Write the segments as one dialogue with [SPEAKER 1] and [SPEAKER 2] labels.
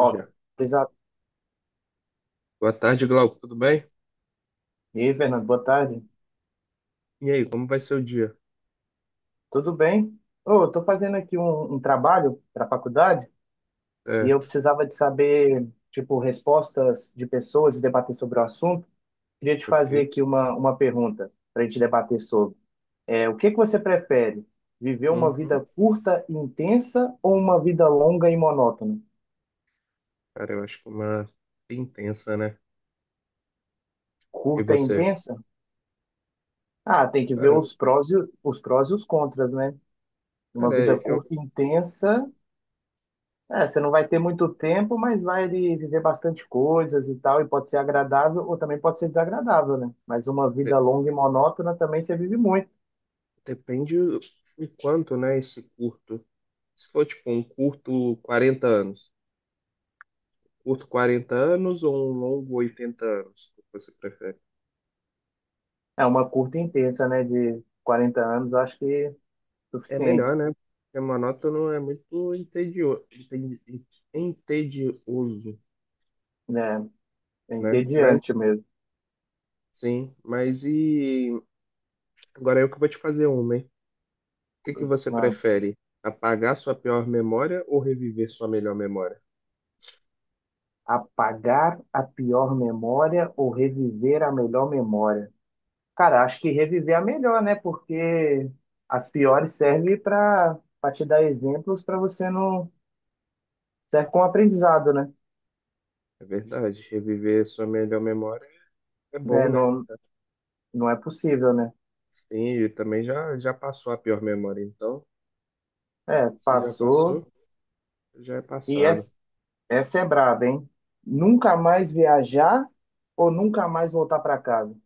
[SPEAKER 1] Já.
[SPEAKER 2] Exato.
[SPEAKER 1] Boa tarde, Glauco. Tudo bem?
[SPEAKER 2] E aí, Fernando, boa tarde.
[SPEAKER 1] E aí, como vai ser o dia?
[SPEAKER 2] Tudo bem? Ô, eu tô fazendo aqui um trabalho para a faculdade e
[SPEAKER 1] É,
[SPEAKER 2] eu precisava de saber, tipo, respostas de pessoas e debater sobre o assunto. Queria te fazer
[SPEAKER 1] ok.
[SPEAKER 2] aqui uma pergunta para a gente debater sobre. É, o que que você prefere? Viver uma vida
[SPEAKER 1] Uhum.
[SPEAKER 2] curta e intensa ou uma vida longa e monótona?
[SPEAKER 1] Cara, eu acho que é uma intensa, né? E
[SPEAKER 2] Curta e
[SPEAKER 1] você?
[SPEAKER 2] intensa? Ah, tem que ver
[SPEAKER 1] Cara,
[SPEAKER 2] os prós e os contras, né? Uma
[SPEAKER 1] cara,
[SPEAKER 2] vida
[SPEAKER 1] eu
[SPEAKER 2] curta e intensa. É, você não vai ter muito tempo, mas vai ali viver bastante coisas e tal, e pode ser agradável ou também pode ser desagradável, né? Mas uma vida
[SPEAKER 1] de-
[SPEAKER 2] longa e monótona também você vive muito.
[SPEAKER 1] depende o quanto, né, esse curto. Se for tipo um curto 40 anos, curto 40 anos ou um longo 80 anos, o que você prefere?
[SPEAKER 2] É uma curta e intensa, né? De quarenta anos, eu acho que é
[SPEAKER 1] É
[SPEAKER 2] suficiente,
[SPEAKER 1] melhor, né? Porque monótono é muito entedioso,
[SPEAKER 2] né? É
[SPEAKER 1] né? Mas
[SPEAKER 2] entediante mesmo.
[SPEAKER 1] sim, mas e agora eu que vou te fazer uma, hein? O que que você
[SPEAKER 2] Mano,
[SPEAKER 1] prefere? Apagar sua pior memória ou reviver sua melhor memória?
[SPEAKER 2] apagar a pior memória ou reviver a melhor memória? Cara, acho que reviver a melhor, né? Porque as piores servem para te dar exemplos para você não. Serve como aprendizado, né?
[SPEAKER 1] É verdade, reviver sua melhor memória é
[SPEAKER 2] Né,
[SPEAKER 1] bom, né?
[SPEAKER 2] não, não é possível, né?
[SPEAKER 1] Sim, e também já passou a pior memória, então,
[SPEAKER 2] É,
[SPEAKER 1] se já
[SPEAKER 2] passou.
[SPEAKER 1] passou, já é
[SPEAKER 2] E
[SPEAKER 1] passado.
[SPEAKER 2] essa, essa é braba, hein? Nunca mais viajar ou nunca mais voltar para casa?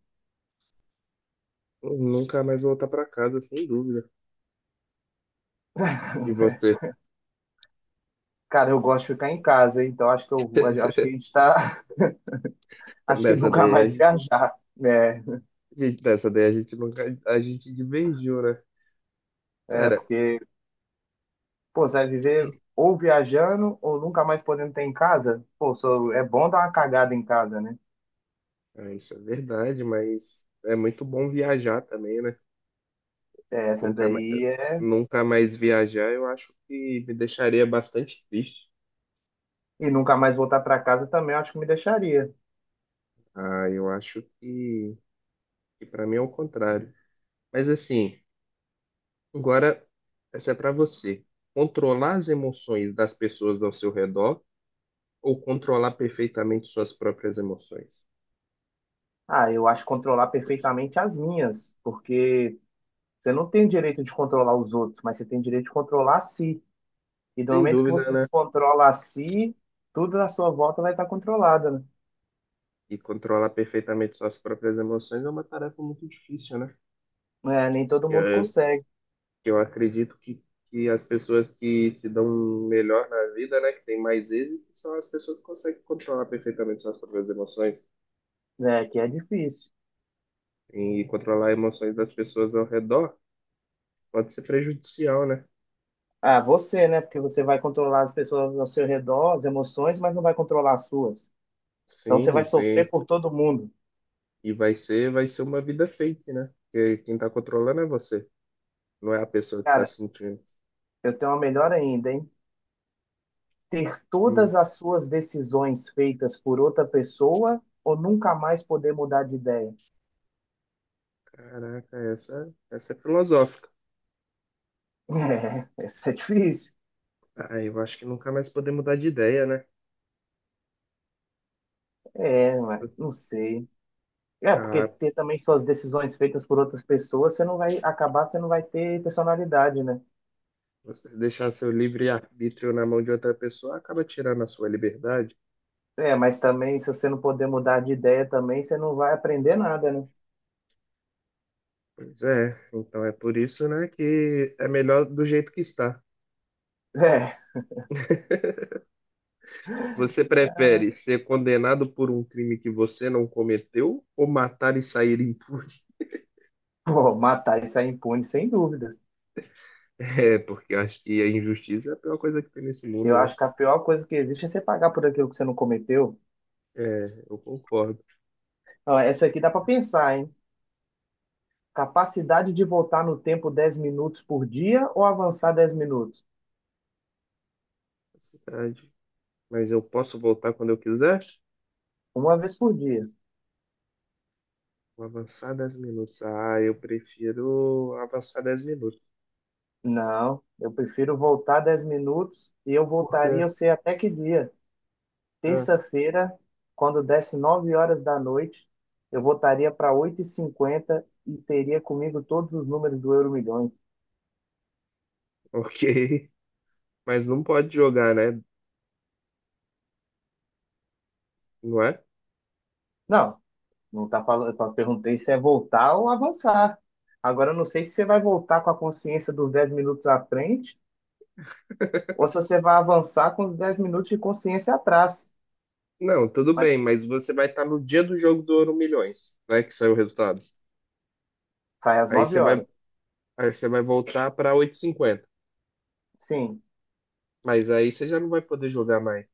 [SPEAKER 1] Nunca mais voltar para casa, sem dúvida. E você,
[SPEAKER 2] Cara, eu gosto de ficar em casa, hein? Então acho que a gente tá, acho que
[SPEAKER 1] nessa
[SPEAKER 2] nunca
[SPEAKER 1] daí a
[SPEAKER 2] mais
[SPEAKER 1] gente,
[SPEAKER 2] viajar, né?
[SPEAKER 1] gente, nessa daí a gente nunca, a gente divergiu, né?
[SPEAKER 2] É
[SPEAKER 1] Cara,
[SPEAKER 2] porque, pô, você vai viver ou viajando ou nunca mais podendo ter em casa? Pô, é bom dar uma cagada em casa, né?
[SPEAKER 1] é, isso é verdade, mas é muito bom viajar também, né?
[SPEAKER 2] É, essa
[SPEAKER 1] Nunca mais,
[SPEAKER 2] daí é.
[SPEAKER 1] nunca mais viajar, eu acho que me deixaria bastante triste.
[SPEAKER 2] E nunca mais voltar para casa também eu acho que me deixaria.
[SPEAKER 1] Ah, eu acho que para mim é o contrário. Mas assim, agora essa é para você. Controlar as emoções das pessoas ao seu redor ou controlar perfeitamente suas próprias emoções?
[SPEAKER 2] Ah, eu acho controlar perfeitamente as minhas, porque você não tem direito de controlar os outros, mas você tem direito de controlar a si. E do
[SPEAKER 1] Sem
[SPEAKER 2] momento que
[SPEAKER 1] dúvida,
[SPEAKER 2] você
[SPEAKER 1] né?
[SPEAKER 2] controla a si, tudo na sua volta vai estar controlado,
[SPEAKER 1] E controlar perfeitamente suas próprias emoções é uma tarefa muito difícil, né?
[SPEAKER 2] né? É, nem todo mundo
[SPEAKER 1] Eh,
[SPEAKER 2] consegue,
[SPEAKER 1] que Eu acredito que as pessoas que se dão melhor na vida, né, que têm mais êxito, são as pessoas que conseguem controlar perfeitamente suas próprias emoções.
[SPEAKER 2] né? Que é difícil.
[SPEAKER 1] E controlar emoções das pessoas ao redor pode ser prejudicial, né?
[SPEAKER 2] Ah, você, né? Porque você vai controlar as pessoas ao seu redor, as emoções, mas não vai controlar as suas. Então você
[SPEAKER 1] Sim,
[SPEAKER 2] vai
[SPEAKER 1] e
[SPEAKER 2] sofrer
[SPEAKER 1] sim.
[SPEAKER 2] por todo mundo.
[SPEAKER 1] E vai ser uma vida fake, né? Porque quem tá controlando é você, não é a pessoa que tá
[SPEAKER 2] Cara,
[SPEAKER 1] sentindo.
[SPEAKER 2] eu tenho uma melhor ainda, hein? Ter
[SPEAKER 1] Hum,
[SPEAKER 2] todas as suas decisões feitas por outra pessoa ou nunca mais poder mudar de ideia.
[SPEAKER 1] caraca, essa é filosófica.
[SPEAKER 2] É, isso é difícil.
[SPEAKER 1] Ah, eu acho que nunca mais poder mudar de ideia, né?
[SPEAKER 2] É, mas não sei. É, porque
[SPEAKER 1] Ah,
[SPEAKER 2] ter também suas decisões feitas por outras pessoas, você não vai acabar, você não vai ter personalidade, né?
[SPEAKER 1] você deixar seu livre-arbítrio na mão de outra pessoa acaba tirando a sua liberdade.
[SPEAKER 2] É, mas também, se você não puder mudar de ideia também, você não vai aprender nada, né?
[SPEAKER 1] Pois é, então é por isso, né, que é melhor do jeito que está.
[SPEAKER 2] É,
[SPEAKER 1] Você prefere ser condenado por um crime que você não cometeu ou matar e sair impune?
[SPEAKER 2] pô, matar e sair impune, sem dúvidas.
[SPEAKER 1] É, porque eu acho que a injustiça é a pior coisa que tem nesse
[SPEAKER 2] Eu
[SPEAKER 1] mundo, né?
[SPEAKER 2] acho que a pior coisa que existe é você pagar por aquilo que você não cometeu.
[SPEAKER 1] É, eu concordo.
[SPEAKER 2] Ó, essa aqui dá pra pensar, hein? Capacidade de voltar no tempo 10 minutos por dia ou avançar 10 minutos?
[SPEAKER 1] É verdade. Mas eu posso voltar quando eu quiser?
[SPEAKER 2] Uma vez por dia.
[SPEAKER 1] Vou avançar 10 minutos. Ah, eu prefiro avançar 10 minutos.
[SPEAKER 2] Não, eu prefiro voltar 10 minutos e eu
[SPEAKER 1] Por quê?
[SPEAKER 2] voltaria, eu sei até que dia.
[SPEAKER 1] Ah,
[SPEAKER 2] Terça-feira, quando desse 9 horas da noite, eu voltaria para oito e cinquenta e teria comigo todos os números do Euro Milhões.
[SPEAKER 1] ok. Mas não pode jogar, né? Não é?
[SPEAKER 2] Não, não tá falando, eu só perguntei se é voltar ou avançar. Agora eu não sei se você vai voltar com a consciência dos 10 minutos à frente ou se você vai avançar com os 10 minutos de consciência atrás.
[SPEAKER 1] Não, tudo
[SPEAKER 2] Mas
[SPEAKER 1] bem, mas você vai estar no dia do jogo do Ouro Milhões, né? Que saiu o resultado.
[SPEAKER 2] sai às
[SPEAKER 1] Aí você
[SPEAKER 2] 9 horas.
[SPEAKER 1] vai, aí você vai voltar para oito h 50.
[SPEAKER 2] Sim,
[SPEAKER 1] Mas aí você já não vai poder jogar mais.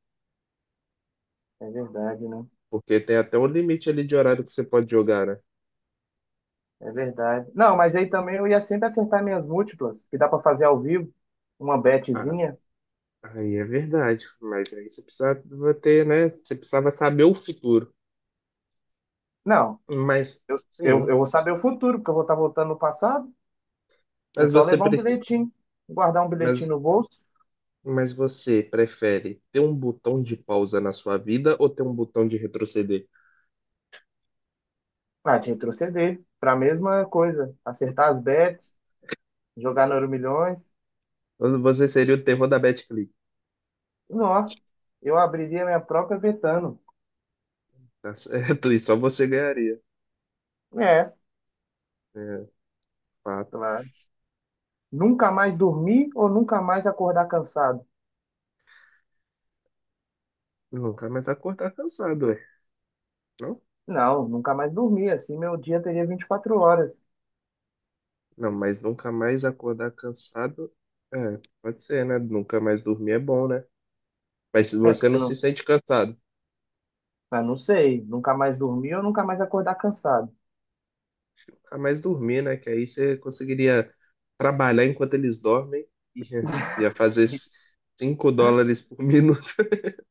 [SPEAKER 2] é verdade, né?
[SPEAKER 1] Porque tem até um limite ali de horário que você pode jogar, né?
[SPEAKER 2] É verdade. Não, mas aí também eu ia sempre acertar minhas múltiplas, que dá pra fazer ao vivo, uma
[SPEAKER 1] Ah,
[SPEAKER 2] betezinha.
[SPEAKER 1] aí é verdade. Mas aí você precisava ter, né? Você precisava saber o futuro.
[SPEAKER 2] Não,
[SPEAKER 1] Mas,
[SPEAKER 2] eu,
[SPEAKER 1] sim.
[SPEAKER 2] eu vou saber o futuro, porque eu vou estar voltando no passado. É
[SPEAKER 1] Mas
[SPEAKER 2] só
[SPEAKER 1] você,
[SPEAKER 2] levar um
[SPEAKER 1] pre-
[SPEAKER 2] bilhetinho, guardar um bilhetinho
[SPEAKER 1] mas,
[SPEAKER 2] no bolso,
[SPEAKER 1] mas você prefere ter um botão de pausa na sua vida ou ter um botão de retroceder?
[SPEAKER 2] ah, te retroceder para a mesma coisa, acertar as bets, jogar no Euromilhões.
[SPEAKER 1] Você seria o terror da BetClick,
[SPEAKER 2] Não, eu abriria minha própria betano.
[SPEAKER 1] tá certo? E só você ganharia.
[SPEAKER 2] É,
[SPEAKER 1] É, fato.
[SPEAKER 2] claro. Nunca mais dormir ou nunca mais acordar cansado?
[SPEAKER 1] Nunca mais acordar cansado, é. Não?
[SPEAKER 2] Não, nunca mais dormir, assim meu dia teria 24 horas.
[SPEAKER 1] Não, mas nunca mais acordar cansado. É, pode ser, né? Nunca mais dormir é bom, né? Mas se
[SPEAKER 2] É, porque
[SPEAKER 1] você
[SPEAKER 2] você
[SPEAKER 1] não se
[SPEAKER 2] não
[SPEAKER 1] sente cansado,
[SPEAKER 2] Ah, não sei, nunca mais dormir ou nunca mais acordar cansado.
[SPEAKER 1] acho que nunca mais dormir, né? Que aí você conseguiria trabalhar enquanto eles dormem e ia fazer
[SPEAKER 2] E,
[SPEAKER 1] US$ 5 por minuto.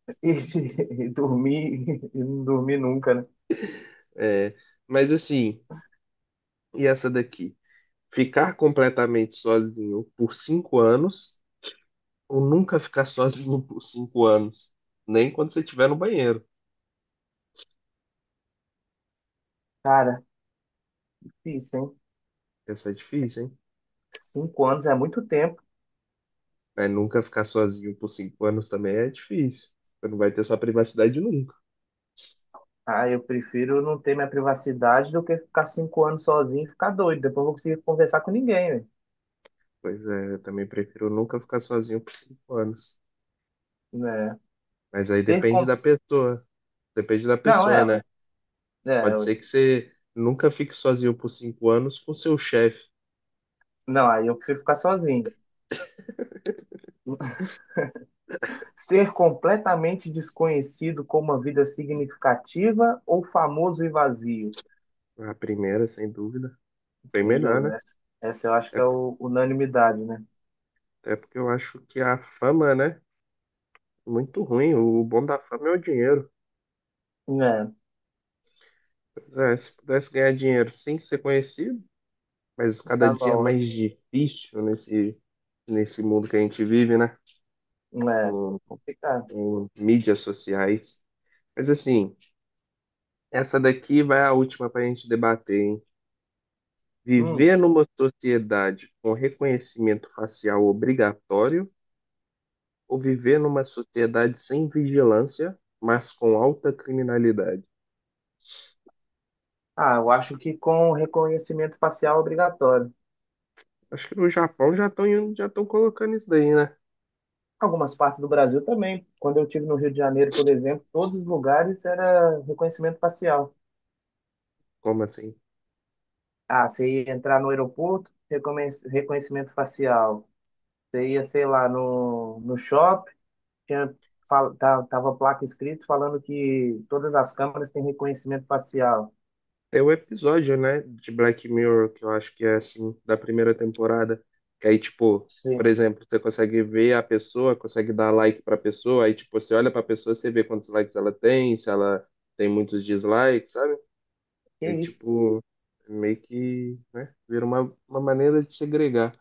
[SPEAKER 2] dormir, e não dormir nunca, né?
[SPEAKER 1] É, mas assim, e essa daqui? Ficar completamente sozinho por 5 anos ou nunca ficar sozinho por 5 anos. Nem quando você estiver no banheiro.
[SPEAKER 2] Cara, difícil, hein?
[SPEAKER 1] Essa é difícil, hein?
[SPEAKER 2] Cinco anos é muito tempo.
[SPEAKER 1] Mas nunca ficar sozinho por cinco anos também é difícil. Você não vai ter sua privacidade nunca.
[SPEAKER 2] Ah, eu prefiro não ter minha privacidade do que ficar cinco anos sozinho e ficar doido. Depois eu vou conseguir conversar com ninguém, né?
[SPEAKER 1] Pois é, eu também prefiro nunca ficar sozinho por cinco anos.
[SPEAKER 2] Né?
[SPEAKER 1] Mas aí
[SPEAKER 2] Ser
[SPEAKER 1] depende
[SPEAKER 2] com...
[SPEAKER 1] da pessoa. Depende da
[SPEAKER 2] Não,
[SPEAKER 1] pessoa,
[SPEAKER 2] é,
[SPEAKER 1] né?
[SPEAKER 2] ué. É,
[SPEAKER 1] Pode
[SPEAKER 2] ué.
[SPEAKER 1] ser que você nunca fique sozinho por cinco anos com seu chefe.
[SPEAKER 2] Não, aí eu prefiro ficar sozinho. Ser completamente desconhecido com uma vida significativa ou famoso e vazio?
[SPEAKER 1] A primeira, sem dúvida. Bem
[SPEAKER 2] Sem
[SPEAKER 1] melhor,
[SPEAKER 2] dúvida.
[SPEAKER 1] né?
[SPEAKER 2] Essa eu acho
[SPEAKER 1] É,
[SPEAKER 2] que é o, unanimidade, né?
[SPEAKER 1] é porque eu acho que a fama, né? É muito ruim. O bom da fama é o dinheiro.
[SPEAKER 2] É,
[SPEAKER 1] Pois é, se pudesse ganhar dinheiro sem ser conhecido, mas cada
[SPEAKER 2] tava
[SPEAKER 1] dia é mais
[SPEAKER 2] ótimo.
[SPEAKER 1] difícil nesse mundo que a gente vive, né?
[SPEAKER 2] É,
[SPEAKER 1] Com,
[SPEAKER 2] complicado.
[SPEAKER 1] com mídias sociais. Mas assim, essa daqui vai a última para a gente debater, hein?
[SPEAKER 2] Hum.
[SPEAKER 1] Viver numa sociedade com reconhecimento facial obrigatório ou viver numa sociedade sem vigilância, mas com alta criminalidade?
[SPEAKER 2] Ah, eu acho que com reconhecimento facial obrigatório.
[SPEAKER 1] Acho que no Japão já estão colocando isso daí, né?
[SPEAKER 2] Algumas partes do Brasil também. Quando eu estive no Rio de Janeiro, por exemplo, todos os lugares era reconhecimento facial.
[SPEAKER 1] Como assim?
[SPEAKER 2] Ah, você ia entrar no aeroporto, reconhecimento facial. Você ia, sei lá, no shopping, tinha, tava placa escrito falando que todas as câmeras têm reconhecimento facial.
[SPEAKER 1] Tem um episódio, né, de Black Mirror que eu acho que é assim, da primeira temporada, que aí, tipo,
[SPEAKER 2] Sim.
[SPEAKER 1] por exemplo, você consegue ver a pessoa, consegue dar like pra pessoa, aí, tipo, você olha pra pessoa, você vê quantos likes ela tem, se ela tem muitos dislikes, sabe?
[SPEAKER 2] Que
[SPEAKER 1] Aí,
[SPEAKER 2] isso?
[SPEAKER 1] tipo, meio que, né, vira uma maneira de segregar.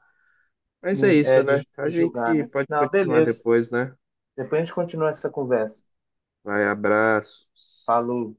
[SPEAKER 1] Mas é isso,
[SPEAKER 2] É,
[SPEAKER 1] né? A
[SPEAKER 2] de julgar,
[SPEAKER 1] gente
[SPEAKER 2] né?
[SPEAKER 1] pode
[SPEAKER 2] Não,
[SPEAKER 1] continuar
[SPEAKER 2] beleza.
[SPEAKER 1] depois, né?
[SPEAKER 2] Depois a gente continua essa conversa.
[SPEAKER 1] Vai, abraços.
[SPEAKER 2] Falou.